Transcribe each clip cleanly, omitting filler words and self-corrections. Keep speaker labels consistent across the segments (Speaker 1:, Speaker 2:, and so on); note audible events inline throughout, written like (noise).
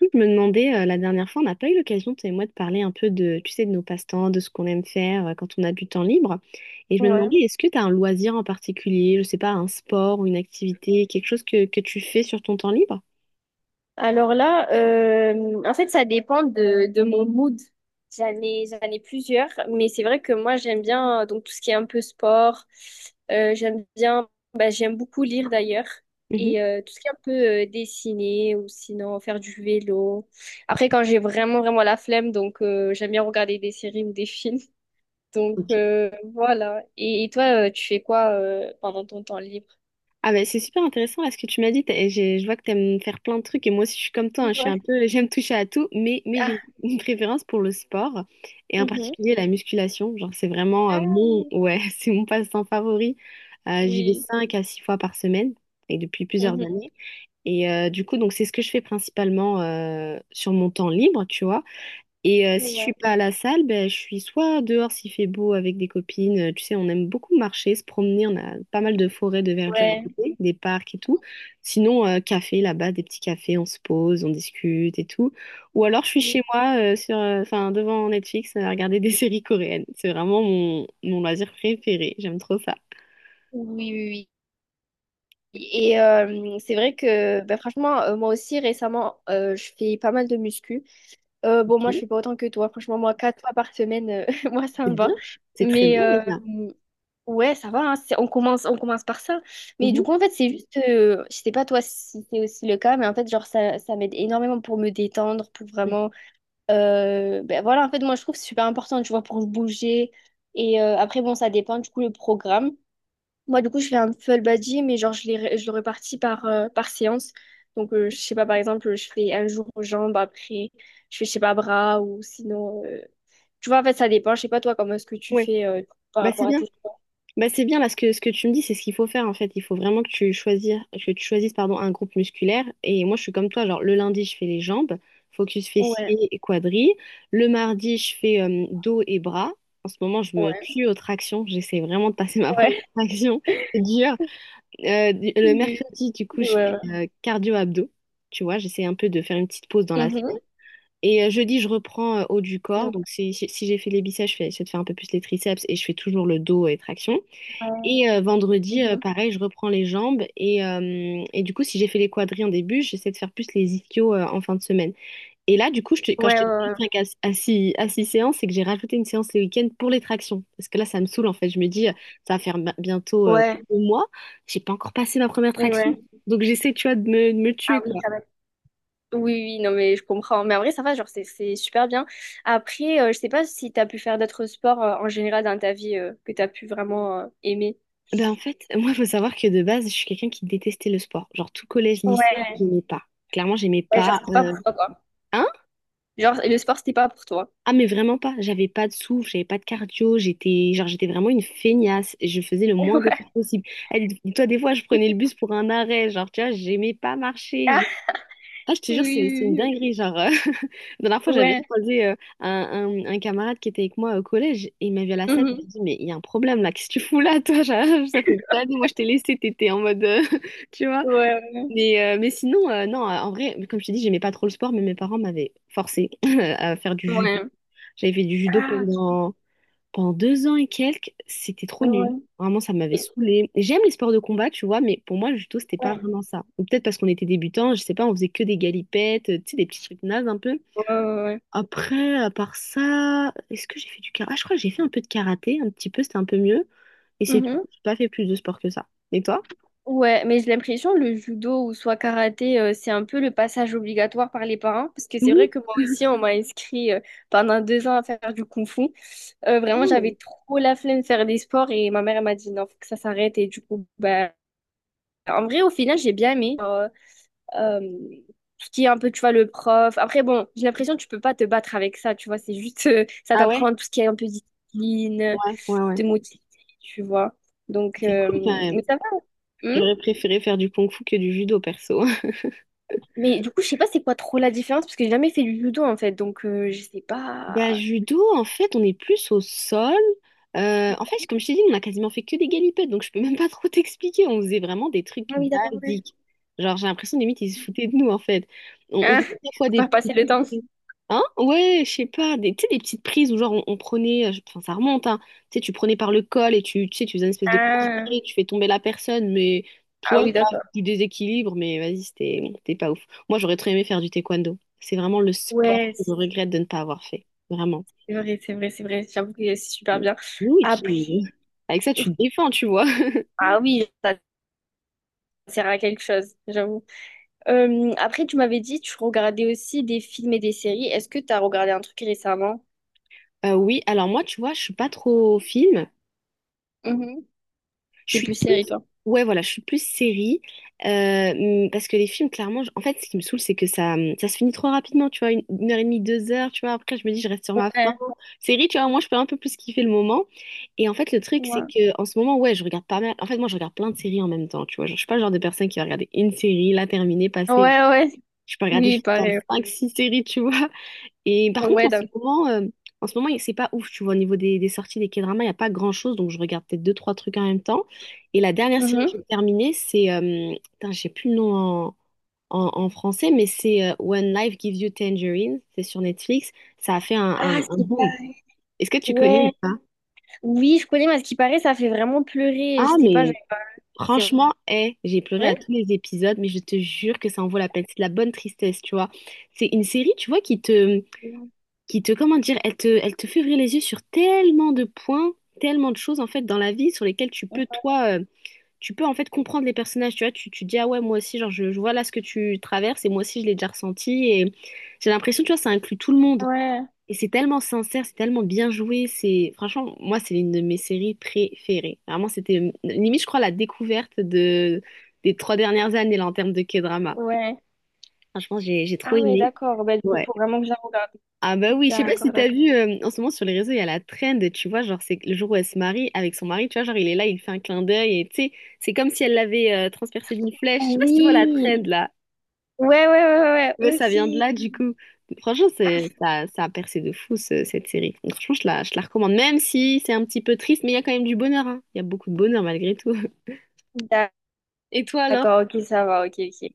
Speaker 1: Je me demandais, la dernière fois, on n'a pas eu l'occasion, toi et moi, de parler un peu de, tu sais, de nos passe-temps, de ce qu'on aime faire quand on a du temps libre. Et je me
Speaker 2: Ouais.
Speaker 1: demandais, est-ce que tu as un loisir en particulier, je sais pas, un sport ou une activité, quelque chose que tu fais sur ton temps libre?
Speaker 2: Alors là, en fait, ça dépend de mon mood. J'en ai plusieurs, mais c'est vrai que moi, j'aime bien donc tout ce qui est un peu sport. J'aime beaucoup lire d'ailleurs.
Speaker 1: Mhm.
Speaker 2: Et tout ce qui est un peu dessiner ou sinon faire du vélo. Après, quand j'ai vraiment, vraiment la flemme, donc j'aime bien regarder des séries ou des (laughs) films. Donc
Speaker 1: Ok.
Speaker 2: voilà. Et toi, tu fais quoi pendant ton temps libre?
Speaker 1: Ah ben, c'est super intéressant là ce que tu m'as dit. Je vois que tu aimes faire plein de trucs et moi aussi je suis comme toi, hein, je suis un
Speaker 2: Ouais.
Speaker 1: peu, (laughs) j'aime toucher à tout, mais
Speaker 2: Ah,
Speaker 1: j'ai une préférence pour le sport et en
Speaker 2: mhm.
Speaker 1: particulier la musculation. Genre c'est vraiment
Speaker 2: Ah
Speaker 1: mon
Speaker 2: oui.
Speaker 1: ouais, (laughs) c'est mon passe-temps favori. J'y vais 5 à 6 fois par semaine et depuis plusieurs
Speaker 2: Oui.
Speaker 1: années. Et du coup donc c'est ce que je fais principalement sur mon temps libre, tu vois. Et si je suis
Speaker 2: Ouais.
Speaker 1: pas à la salle, ben, je suis soit dehors s'il fait beau avec des copines. Tu sais, on aime beaucoup marcher, se promener. On a pas mal de forêts, de verdure à
Speaker 2: Ouais.
Speaker 1: côté, des parcs et tout. Sinon, café là-bas, des petits cafés, on se pose, on discute et tout. Ou alors, je suis
Speaker 2: Oui,
Speaker 1: chez moi enfin, devant Netflix à regarder des (laughs) séries coréennes. C'est vraiment mon loisir préféré. J'aime trop ça.
Speaker 2: oui, oui. Oui. Et c'est vrai que ben, franchement, moi aussi récemment, je fais pas mal de muscu. Bon, moi, je
Speaker 1: Ok,
Speaker 2: fais pas autant que toi. Franchement, moi, 4 fois par semaine, (laughs) moi, ça me
Speaker 1: c'est bien.
Speaker 2: va.
Speaker 1: C'est très
Speaker 2: Mais
Speaker 1: bien déjà.
Speaker 2: ouais, ça va. Hein. On commence par ça. Mais du coup,
Speaker 1: Mhm.
Speaker 2: en fait, c'est juste, je sais pas toi si c'est aussi le cas, mais en fait, genre, ça m'aide énormément pour me détendre, pour vraiment. Ben voilà, en fait, moi, je trouve que c'est super important, tu vois, pour bouger. Et après, bon, ça dépend du coup le programme. Moi, du coup, je fais un full body, mais genre, je le répartis par séance. Donc, je sais pas, par exemple, je fais un jour aux jambes, après, je fais, je sais pas, bras, ou sinon tu vois, en fait, ça dépend. Je sais pas, toi, comment est-ce que tu
Speaker 1: Ouais.
Speaker 2: fais par
Speaker 1: Bah, c'est
Speaker 2: rapport à
Speaker 1: bien.
Speaker 2: tes.
Speaker 1: Bah, c'est bien là ce que tu me dis, c'est ce qu'il faut faire en fait. Il faut vraiment que tu choisisses pardon, un groupe musculaire. Et moi, je suis comme toi. Genre, le lundi, je fais les jambes, focus
Speaker 2: Ouais,
Speaker 1: fessiers et quadris. Le mardi, je fais dos et bras. En ce moment, je me
Speaker 2: ouais,
Speaker 1: tue aux tractions. J'essaie vraiment de passer (laughs) ma
Speaker 2: ouais.
Speaker 1: première traction. C'est
Speaker 2: (laughs)
Speaker 1: dur. Le
Speaker 2: Oui.
Speaker 1: mercredi, du coup, je
Speaker 2: Ouais.
Speaker 1: fais cardio-abdos. Tu vois, j'essaie un peu de faire une petite pause dans
Speaker 2: Ouais.
Speaker 1: la semaine.
Speaker 2: Mhm.
Speaker 1: Et jeudi, je reprends haut du corps.
Speaker 2: Donc,
Speaker 1: Donc, si j'ai fait les biceps, j'essaie de faire un peu plus les triceps et je fais toujours le dos et traction.
Speaker 2: ouais.
Speaker 1: Et vendredi,
Speaker 2: Mhm.
Speaker 1: pareil, je reprends les jambes. Et du coup, si j'ai fait les quadris en début, j'essaie de faire plus les ischios en fin de semaine. Et là, du coup, quand je
Speaker 2: Ouais,
Speaker 1: t'ai dit
Speaker 2: ouais,
Speaker 1: 5 à 6, à six séances, c'est que j'ai rajouté une séance le week-end pour les tractions. Parce que là, ça me saoule, en fait. Je me dis, ça va faire bientôt
Speaker 2: ouais. Ouais.
Speaker 1: oui, 2 mois. J'ai pas encore passé ma première traction.
Speaker 2: Ouais.
Speaker 1: Donc, j'essaie, tu vois, de me
Speaker 2: Ah
Speaker 1: tuer,
Speaker 2: oui,
Speaker 1: quoi.
Speaker 2: ça va. Oui, oui, non, mais je comprends. Mais en vrai, ça va, genre, c'est super bien. Après, je sais pas si t'as pu faire d'autres sports en général dans ta vie que t'as pu vraiment aimer.
Speaker 1: Ben, en fait, moi, il faut savoir que de base, je suis quelqu'un qui détestait le sport. Genre, tout collège, lycée,
Speaker 2: Ouais.
Speaker 1: j'aimais pas. Clairement, j'aimais
Speaker 2: Ouais, genre,
Speaker 1: pas.
Speaker 2: c'était pas pour toi, quoi.
Speaker 1: Hein.
Speaker 2: Genre, le sport, c'était pas pour toi.
Speaker 1: Ah mais vraiment pas, j'avais pas de souffle, j'avais pas de cardio, j'étais vraiment une feignasse, et je faisais le
Speaker 2: (laughs)
Speaker 1: moins d'efforts
Speaker 2: Ouais.
Speaker 1: possible. Elle, toi des fois je prenais le bus pour un arrêt, genre tu vois, j'aimais pas marcher.
Speaker 2: Ah,
Speaker 1: Ah je te jure
Speaker 2: oui,
Speaker 1: c'est une
Speaker 2: oui, oui.
Speaker 1: dinguerie, genre (laughs) la dernière fois
Speaker 2: Ok.
Speaker 1: j'avais
Speaker 2: Ouais.
Speaker 1: croisé un, un camarade qui était avec moi au collège et il m'a vu à la scène, il
Speaker 2: Mhm.
Speaker 1: m'a dit mais il y a un problème là, qu'est-ce que tu fous là toi? (laughs) Genre, ça fait des années, moi je t'ai laissé, t'étais en mode (laughs) tu vois.
Speaker 2: Ouais,
Speaker 1: Mais sinon non, en vrai comme je t'ai dit, j'aimais pas trop le sport mais mes parents m'avaient forcé (laughs) à faire du
Speaker 2: ouais.
Speaker 1: judo.
Speaker 2: Ouais.
Speaker 1: J'avais fait du judo
Speaker 2: Ah,
Speaker 1: pendant 2 ans et quelques. C'était trop
Speaker 2: ok.
Speaker 1: nul.
Speaker 2: Ouais.
Speaker 1: Vraiment, ça m'avait
Speaker 2: Et-
Speaker 1: saoulée. J'aime les sports de combat, tu vois, mais pour moi, le judo, c'était
Speaker 2: Ouais,
Speaker 1: pas vraiment ça. Ou peut-être parce qu'on était débutants, je sais pas, on faisait que des galipettes, tu sais, des petits trucs nazes un peu.
Speaker 2: ouais, ouais.
Speaker 1: Après, à part ça, est-ce que j'ai fait du karaté? Ah, je crois que j'ai fait un peu de karaté, un petit peu, c'était un peu mieux. Et
Speaker 2: Ouais.
Speaker 1: c'est tout.
Speaker 2: Mhm.
Speaker 1: J'ai pas fait plus de sport que ça. Et toi?
Speaker 2: Ouais, mais j'ai l'impression le judo ou soit karaté, c'est un peu le passage obligatoire par les parents. Parce que c'est
Speaker 1: Oui.
Speaker 2: vrai que moi aussi, on m'a inscrit pendant 2 ans à faire du kung-fu. Vraiment, j'avais
Speaker 1: Oh.
Speaker 2: trop la flemme de faire des sports et ma mère elle m'a dit non, faut que ça s'arrête. Et du coup, bah, en vrai, au final, j'ai bien aimé. Euh, tout ce qui est un peu, tu vois, le prof. Après, bon, j'ai l'impression que tu peux pas te battre avec ça, tu vois. C'est juste, ça
Speaker 1: Ah ouais?
Speaker 2: t'apprend tout ce qui est un peu discipline,
Speaker 1: Ouais, ouais,
Speaker 2: te
Speaker 1: ouais.
Speaker 2: motiver, tu vois. Donc,
Speaker 1: C'est cool quand même.
Speaker 2: mais ça va. Hein.
Speaker 1: J'aurais préféré faire du kung-fu que du judo, perso.
Speaker 2: Mais du coup, je sais pas c'est quoi trop la différence parce que j'ai jamais fait du judo en fait. Donc, je sais
Speaker 1: Bah,
Speaker 2: pas.
Speaker 1: judo, en fait, on est plus au sol. En fait, comme je t'ai dit, on a quasiment fait que des galipettes, donc je peux même pas (laughs) trop t'expliquer. On faisait vraiment des trucs
Speaker 2: Ah oui, d'accord, ouais.
Speaker 1: basiques. Genre, j'ai l'impression, limite, ils se foutaient de nous, en fait. On
Speaker 2: Ah, faut
Speaker 1: faisait des fois des
Speaker 2: pas passer
Speaker 1: petits...
Speaker 2: le temps.
Speaker 1: Hein? Ouais, je sais pas, des, tu sais, des petites prises où, genre, on prenait... Enfin, ça remonte, hein. Tu sais, tu prenais par le col et tu sais, tu faisais une espèce de
Speaker 2: Ah,
Speaker 1: crochet, tu fais tomber la personne, mais... Toi,
Speaker 2: ah oui, d'accord.
Speaker 1: voilà, du déséquilibre, mais vas-y, c'était pas ouf. Moi, j'aurais très aimé faire du taekwondo. C'est vraiment le sport
Speaker 2: Ouais,
Speaker 1: que je regrette de ne pas avoir fait. Vraiment.
Speaker 2: c'est vrai, c'est vrai, c'est vrai. J'avoue que c'est super bien.
Speaker 1: Oui,
Speaker 2: Après,
Speaker 1: avec ça, tu te défends, tu vois. (laughs)
Speaker 2: ah oui, ça sert à quelque chose, j'avoue. Après, tu m'avais dit, tu regardais aussi des films et des séries. Est-ce que tu as regardé un truc récemment?
Speaker 1: Oui, alors moi, tu vois, je suis pas trop film.
Speaker 2: Mhm.
Speaker 1: Je
Speaker 2: T'es
Speaker 1: suis
Speaker 2: plus
Speaker 1: plus...
Speaker 2: série, toi.
Speaker 1: Ouais, voilà, je suis plus série. Euh, parce que les films, clairement, en fait, ce qui me saoule, c'est que ça se finit trop rapidement, tu vois, une heure et demie, 2 heures, tu vois. Après, je me dis, je reste sur ma faim.
Speaker 2: Ouais,
Speaker 1: Série, tu vois, moi, je peux un peu plus kiffer le moment. Et en fait, le truc, c'est
Speaker 2: ouais.
Speaker 1: que en ce moment, ouais, je regarde pas mal. En fait, moi, je regarde plein de séries en même temps, tu vois. Genre, je suis pas le genre de personne qui va regarder une série, la terminer, passer.
Speaker 2: Ouais, ouais.
Speaker 1: Je peux regarder
Speaker 2: Oui,
Speaker 1: jusqu'à
Speaker 2: pareil.
Speaker 1: 5-6 séries, tu vois. Et par contre,
Speaker 2: Ouais,
Speaker 1: en ce
Speaker 2: donc.
Speaker 1: moment, euh, en ce moment, c'est pas ouf, tu vois, au niveau des sorties des K-dramas, il n'y a pas grand-chose, donc je regarde peut-être deux, trois trucs en même temps. Et la dernière série
Speaker 2: Mhm.
Speaker 1: que j'ai terminée, c'est, putain, j'ai plus le nom en français, mais c'est When Life Gives You Tangerine, c'est sur Netflix, ça a fait un,
Speaker 2: Ah,
Speaker 1: un- un
Speaker 2: c'est
Speaker 1: boom.
Speaker 2: pas.
Speaker 1: Est-ce que tu connais
Speaker 2: Ouais.
Speaker 1: ou pas?
Speaker 2: Oui, je connais, mais à ce qui paraît, ça fait vraiment pleurer. Je
Speaker 1: Ah,
Speaker 2: sais pas, je-
Speaker 1: mais
Speaker 2: c'est
Speaker 1: franchement, hé, j'ai pleuré à
Speaker 2: vrai?
Speaker 1: tous les épisodes, mais je te jure que ça en vaut la peine. C'est de la bonne tristesse, tu vois. C'est une série, tu vois, qui te
Speaker 2: Non.
Speaker 1: qui te, comment dire, elle te fait ouvrir les yeux sur tellement de points, tellement de choses en fait dans la vie sur lesquelles tu peux en fait comprendre les personnages, tu vois, tu dis ah ouais moi aussi genre je vois là ce que tu traverses et moi aussi je l'ai déjà ressenti et j'ai l'impression tu vois ça inclut tout le monde
Speaker 2: Ouais,
Speaker 1: et c'est tellement sincère, c'est tellement bien joué, c'est franchement moi c'est l'une de mes séries préférées. Vraiment c'était limite je crois la découverte de des trois dernières années là en termes de K-drama.
Speaker 2: ouais.
Speaker 1: Franchement j'ai trop
Speaker 2: Ah ouais,
Speaker 1: aimé.
Speaker 2: d'accord. Ben, du coup,
Speaker 1: Ouais.
Speaker 2: faut vraiment que je la regarde.
Speaker 1: Ah bah oui, je sais pas si
Speaker 2: D'accord,
Speaker 1: t'as
Speaker 2: d'accord.
Speaker 1: vu, en ce moment sur les réseaux, il y a la trend, tu vois, genre c'est le jour où elle se marie avec son mari, tu vois, genre il est là, il fait un clin d'œil et tu sais, c'est comme si elle l'avait transpercé d'une flèche. Je sais pas si tu vois la
Speaker 2: Oui.
Speaker 1: trend là,
Speaker 2: Ouais, ouais, ouais, ouais,
Speaker 1: mais
Speaker 2: ouais,
Speaker 1: ça vient de là du
Speaker 2: ok.
Speaker 1: coup. Franchement, ça a percé de fou cette série. Donc, franchement, je la recommande, même si c'est un petit peu triste, mais il y a quand même du bonheur, hein. Il y a beaucoup de bonheur malgré tout. (laughs)
Speaker 2: Ah,
Speaker 1: Et toi alors?
Speaker 2: d'accord, ok, ça va, ok, ok.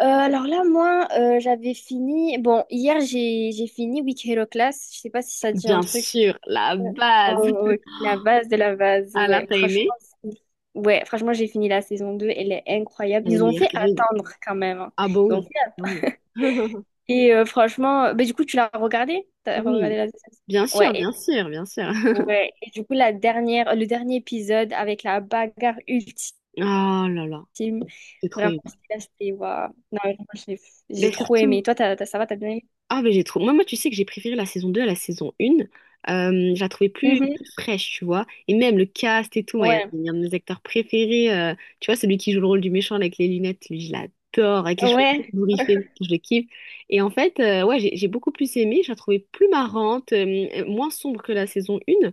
Speaker 2: Alors là, moi, j'avais fini. Bon, hier, j'ai fini Week Hero Class. Je sais pas si ça dit un
Speaker 1: Bien
Speaker 2: truc.
Speaker 1: sûr, la
Speaker 2: Ouais.
Speaker 1: base.
Speaker 2: Oh, ok.
Speaker 1: (laughs)
Speaker 2: La base de la base,
Speaker 1: Alors,
Speaker 2: ouais.
Speaker 1: t'as
Speaker 2: Franchement,
Speaker 1: aimé?
Speaker 2: ouais, franchement, j'ai fini la saison deux. Elle est incroyable.
Speaker 1: Elle est
Speaker 2: Ils ont
Speaker 1: meilleure
Speaker 2: fait
Speaker 1: qu'Arine.
Speaker 2: attendre quand même. Hein.
Speaker 1: Ah bah
Speaker 2: Ils ont fait-
Speaker 1: oui, bah oui. (laughs)
Speaker 2: Et franchement, bah, du coup, tu l'as regardé? T'as regardé
Speaker 1: Oui,
Speaker 2: la deuxième saison?
Speaker 1: bien
Speaker 2: Ouais,
Speaker 1: sûr, bien sûr, bien sûr. (laughs)
Speaker 2: ouais. Et du coup, le dernier épisode avec la bagarre ultime.
Speaker 1: Oh là là,
Speaker 2: Film.
Speaker 1: c'est trop
Speaker 2: Vraiment,
Speaker 1: aimé.
Speaker 2: là, c'était waouh. Non, vraiment, j'ai
Speaker 1: Mais
Speaker 2: j'ai trop aimé.
Speaker 1: surtout,
Speaker 2: Toi, ça va, t'as bien aimé?
Speaker 1: Ah, mais j'ai trop. Moi, tu sais que j'ai préféré la saison 2 à la saison 1. Je la trouvais plus
Speaker 2: Mhm.
Speaker 1: fraîche, tu vois. Et même le cast et tout. Moi, il y a
Speaker 2: Ouais,
Speaker 1: il y a un de mes acteurs préférés. Tu vois, celui qui joue le rôle du méchant avec les lunettes, lui, je l'adore. Avec les cheveux un peu
Speaker 2: ouais,
Speaker 1: bourriffés, je le kiffe. Et en fait, ouais, j'ai beaucoup plus aimé. Je la trouvais plus marrante, moins sombre que la saison 1.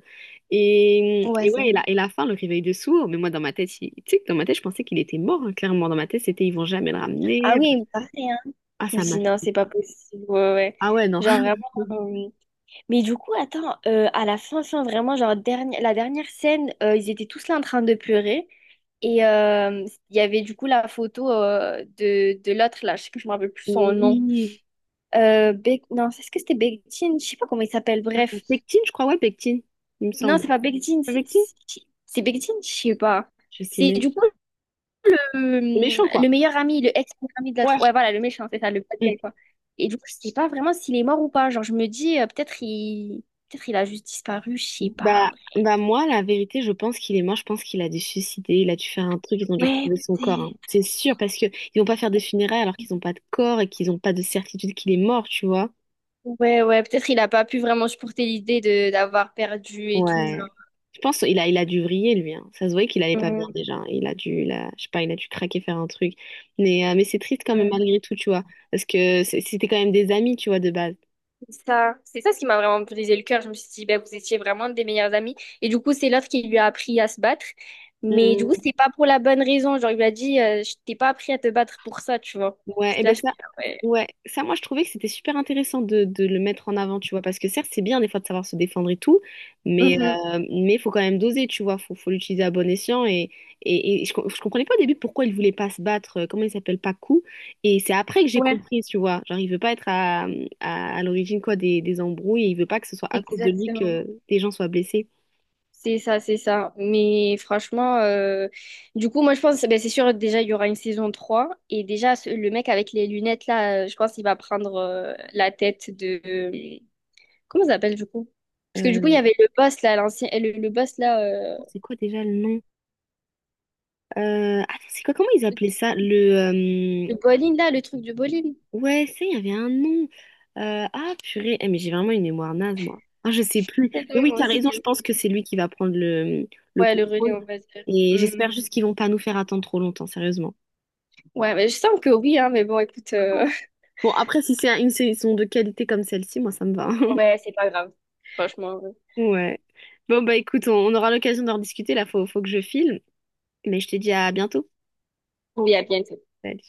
Speaker 1: Et,
Speaker 2: ouais,
Speaker 1: et
Speaker 2: c'est
Speaker 1: ouais,
Speaker 2: vrai.
Speaker 1: et la fin, le réveil de sourd. Mais moi, dans ma tête, tu sais que dans ma tête, je pensais qu'il était mort. Hein, clairement, dans ma tête, c'était ils vont jamais le
Speaker 2: Ah
Speaker 1: ramener.
Speaker 2: oui, mais pareil, hein.
Speaker 1: Ah,
Speaker 2: Je me
Speaker 1: ça m'a.
Speaker 2: suis dit, non, c'est pas possible. Ouais, ouais.
Speaker 1: Ah ouais, non.
Speaker 2: Genre vraiment.
Speaker 1: (laughs)
Speaker 2: euh, Mais du coup, attends, à la fin, fin, vraiment, genre, la dernière scène, ils étaient tous là en train de pleurer. Et il y avait du coup la photo de l'autre, là, je sais que je me rappelle plus son nom.
Speaker 1: Oui,
Speaker 2: Non, est-ce que c'était Bektine? Je sais pas comment il s'appelle, bref.
Speaker 1: Pectine, je crois, ouais, pectine, il me
Speaker 2: Non, c'est
Speaker 1: semble.
Speaker 2: pas Bekdin, c'est
Speaker 1: Avec qui?
Speaker 2: c'est- c'est Bekdin, je sais pas.
Speaker 1: Je sais
Speaker 2: C'est
Speaker 1: même.
Speaker 2: du coup
Speaker 1: C'est méchant,
Speaker 2: le,
Speaker 1: quoi.
Speaker 2: le meilleur ami, le ex-meilleur ami de
Speaker 1: Ouais.
Speaker 2: l'autre. Ouais, voilà, le méchant, c'est ça, le bad
Speaker 1: Mm.
Speaker 2: guy, quoi. Et du coup, je sais pas vraiment s'il est mort ou pas. Genre, je me dis, peut-être il a juste disparu, je sais pas.
Speaker 1: Bah, moi, la vérité, je pense qu'il est mort. Je pense qu'il a dû se suicider. Il a dû faire un truc. Ils ont dû
Speaker 2: Ouais,
Speaker 1: retrouver son corps. Hein.
Speaker 2: peut-être.
Speaker 1: C'est sûr, parce que ils vont pas faire des funérailles alors qu'ils ont pas de corps et qu'ils ont pas de certitude qu'il est mort, tu vois.
Speaker 2: Ouais, ouais, peut-être il a pas pu vraiment supporter l'idée de d'avoir perdu et tout,
Speaker 1: Ouais. Je pense qu'il a dû vriller, lui. Hein. Ça se voyait qu'il allait pas bien
Speaker 2: genre.
Speaker 1: déjà. Hein. Il a dû, il a- je sais pas, il a dû craquer, faire un truc. Mais c'est triste quand même, malgré tout, tu vois. Parce que c'était quand même des amis, tu vois, de base.
Speaker 2: C'est ça ce qui m'a vraiment brisé le cœur. Je me suis dit, ben, vous étiez vraiment des meilleurs amis. Et du coup, c'est l'autre qui lui a appris à se battre. Mais du coup, c'est pas pour la bonne raison. Genre, il lui a dit, je t'ai pas appris à te battre pour ça, tu vois.
Speaker 1: Ouais, et
Speaker 2: J'étais là,
Speaker 1: ben ça,
Speaker 2: j'étais là, ouais.
Speaker 1: ouais, ça, moi, je trouvais que c'était super intéressant de le mettre en avant, tu vois, parce que certes, c'est bien des fois de savoir se défendre et tout, mais
Speaker 2: Mhm.
Speaker 1: euh, mais faut quand même doser, tu vois, faut l'utiliser à bon escient. Et je comprenais pas au début pourquoi il voulait pas se battre, comment il s'appelle, Pacu, et c'est après que j'ai
Speaker 2: Ouais,
Speaker 1: compris, tu vois, genre, il veut pas être à, à l'origine, quoi, des embrouilles, et il veut pas que ce soit à cause de lui
Speaker 2: exactement.
Speaker 1: que des gens soient blessés.
Speaker 2: C'est ça, c'est ça. Mais franchement, du coup, moi, je pense, ben, c'est sûr, déjà, il y aura une saison trois. Et déjà, le mec avec les lunettes, là, je pense qu'il va prendre la tête de. Comment ça s'appelle du coup? Parce que du coup, il y
Speaker 1: Euh,
Speaker 2: avait le boss là, l'ancien, le boss là,
Speaker 1: c'est quoi déjà le nom? Attends, c'est quoi, comment ils appelaient ça?
Speaker 2: le bowling là, le truc du bowling.
Speaker 1: Ouais, ça, il y avait un nom. Ah, purée. Eh, mais j'ai vraiment une mémoire naze, moi. Ah, je sais plus.
Speaker 2: Oui,
Speaker 1: Mais oui,
Speaker 2: moi
Speaker 1: t'as
Speaker 2: aussi,
Speaker 1: raison,
Speaker 2: tu
Speaker 1: je pense que c'est lui qui va prendre le
Speaker 2: Ouais, le relais, on
Speaker 1: contrôle.
Speaker 2: va dire.
Speaker 1: Et j'espère
Speaker 2: Hmm.
Speaker 1: juste qu'ils vont pas nous faire attendre trop longtemps, sérieusement.
Speaker 2: Ouais, mais je sens que oui, hein, mais bon, écoute,
Speaker 1: Bon, après, si c'est une saison de qualité comme celle-ci, moi, ça me va.
Speaker 2: (laughs)
Speaker 1: (laughs)
Speaker 2: ouais, c'est pas grave. Franchement, ouais.
Speaker 1: Ouais. Bon, bah écoute, on aura l'occasion d'en discuter. Là, faut que je file. Mais je te dis à bientôt.
Speaker 2: Il y a bien
Speaker 1: Salut.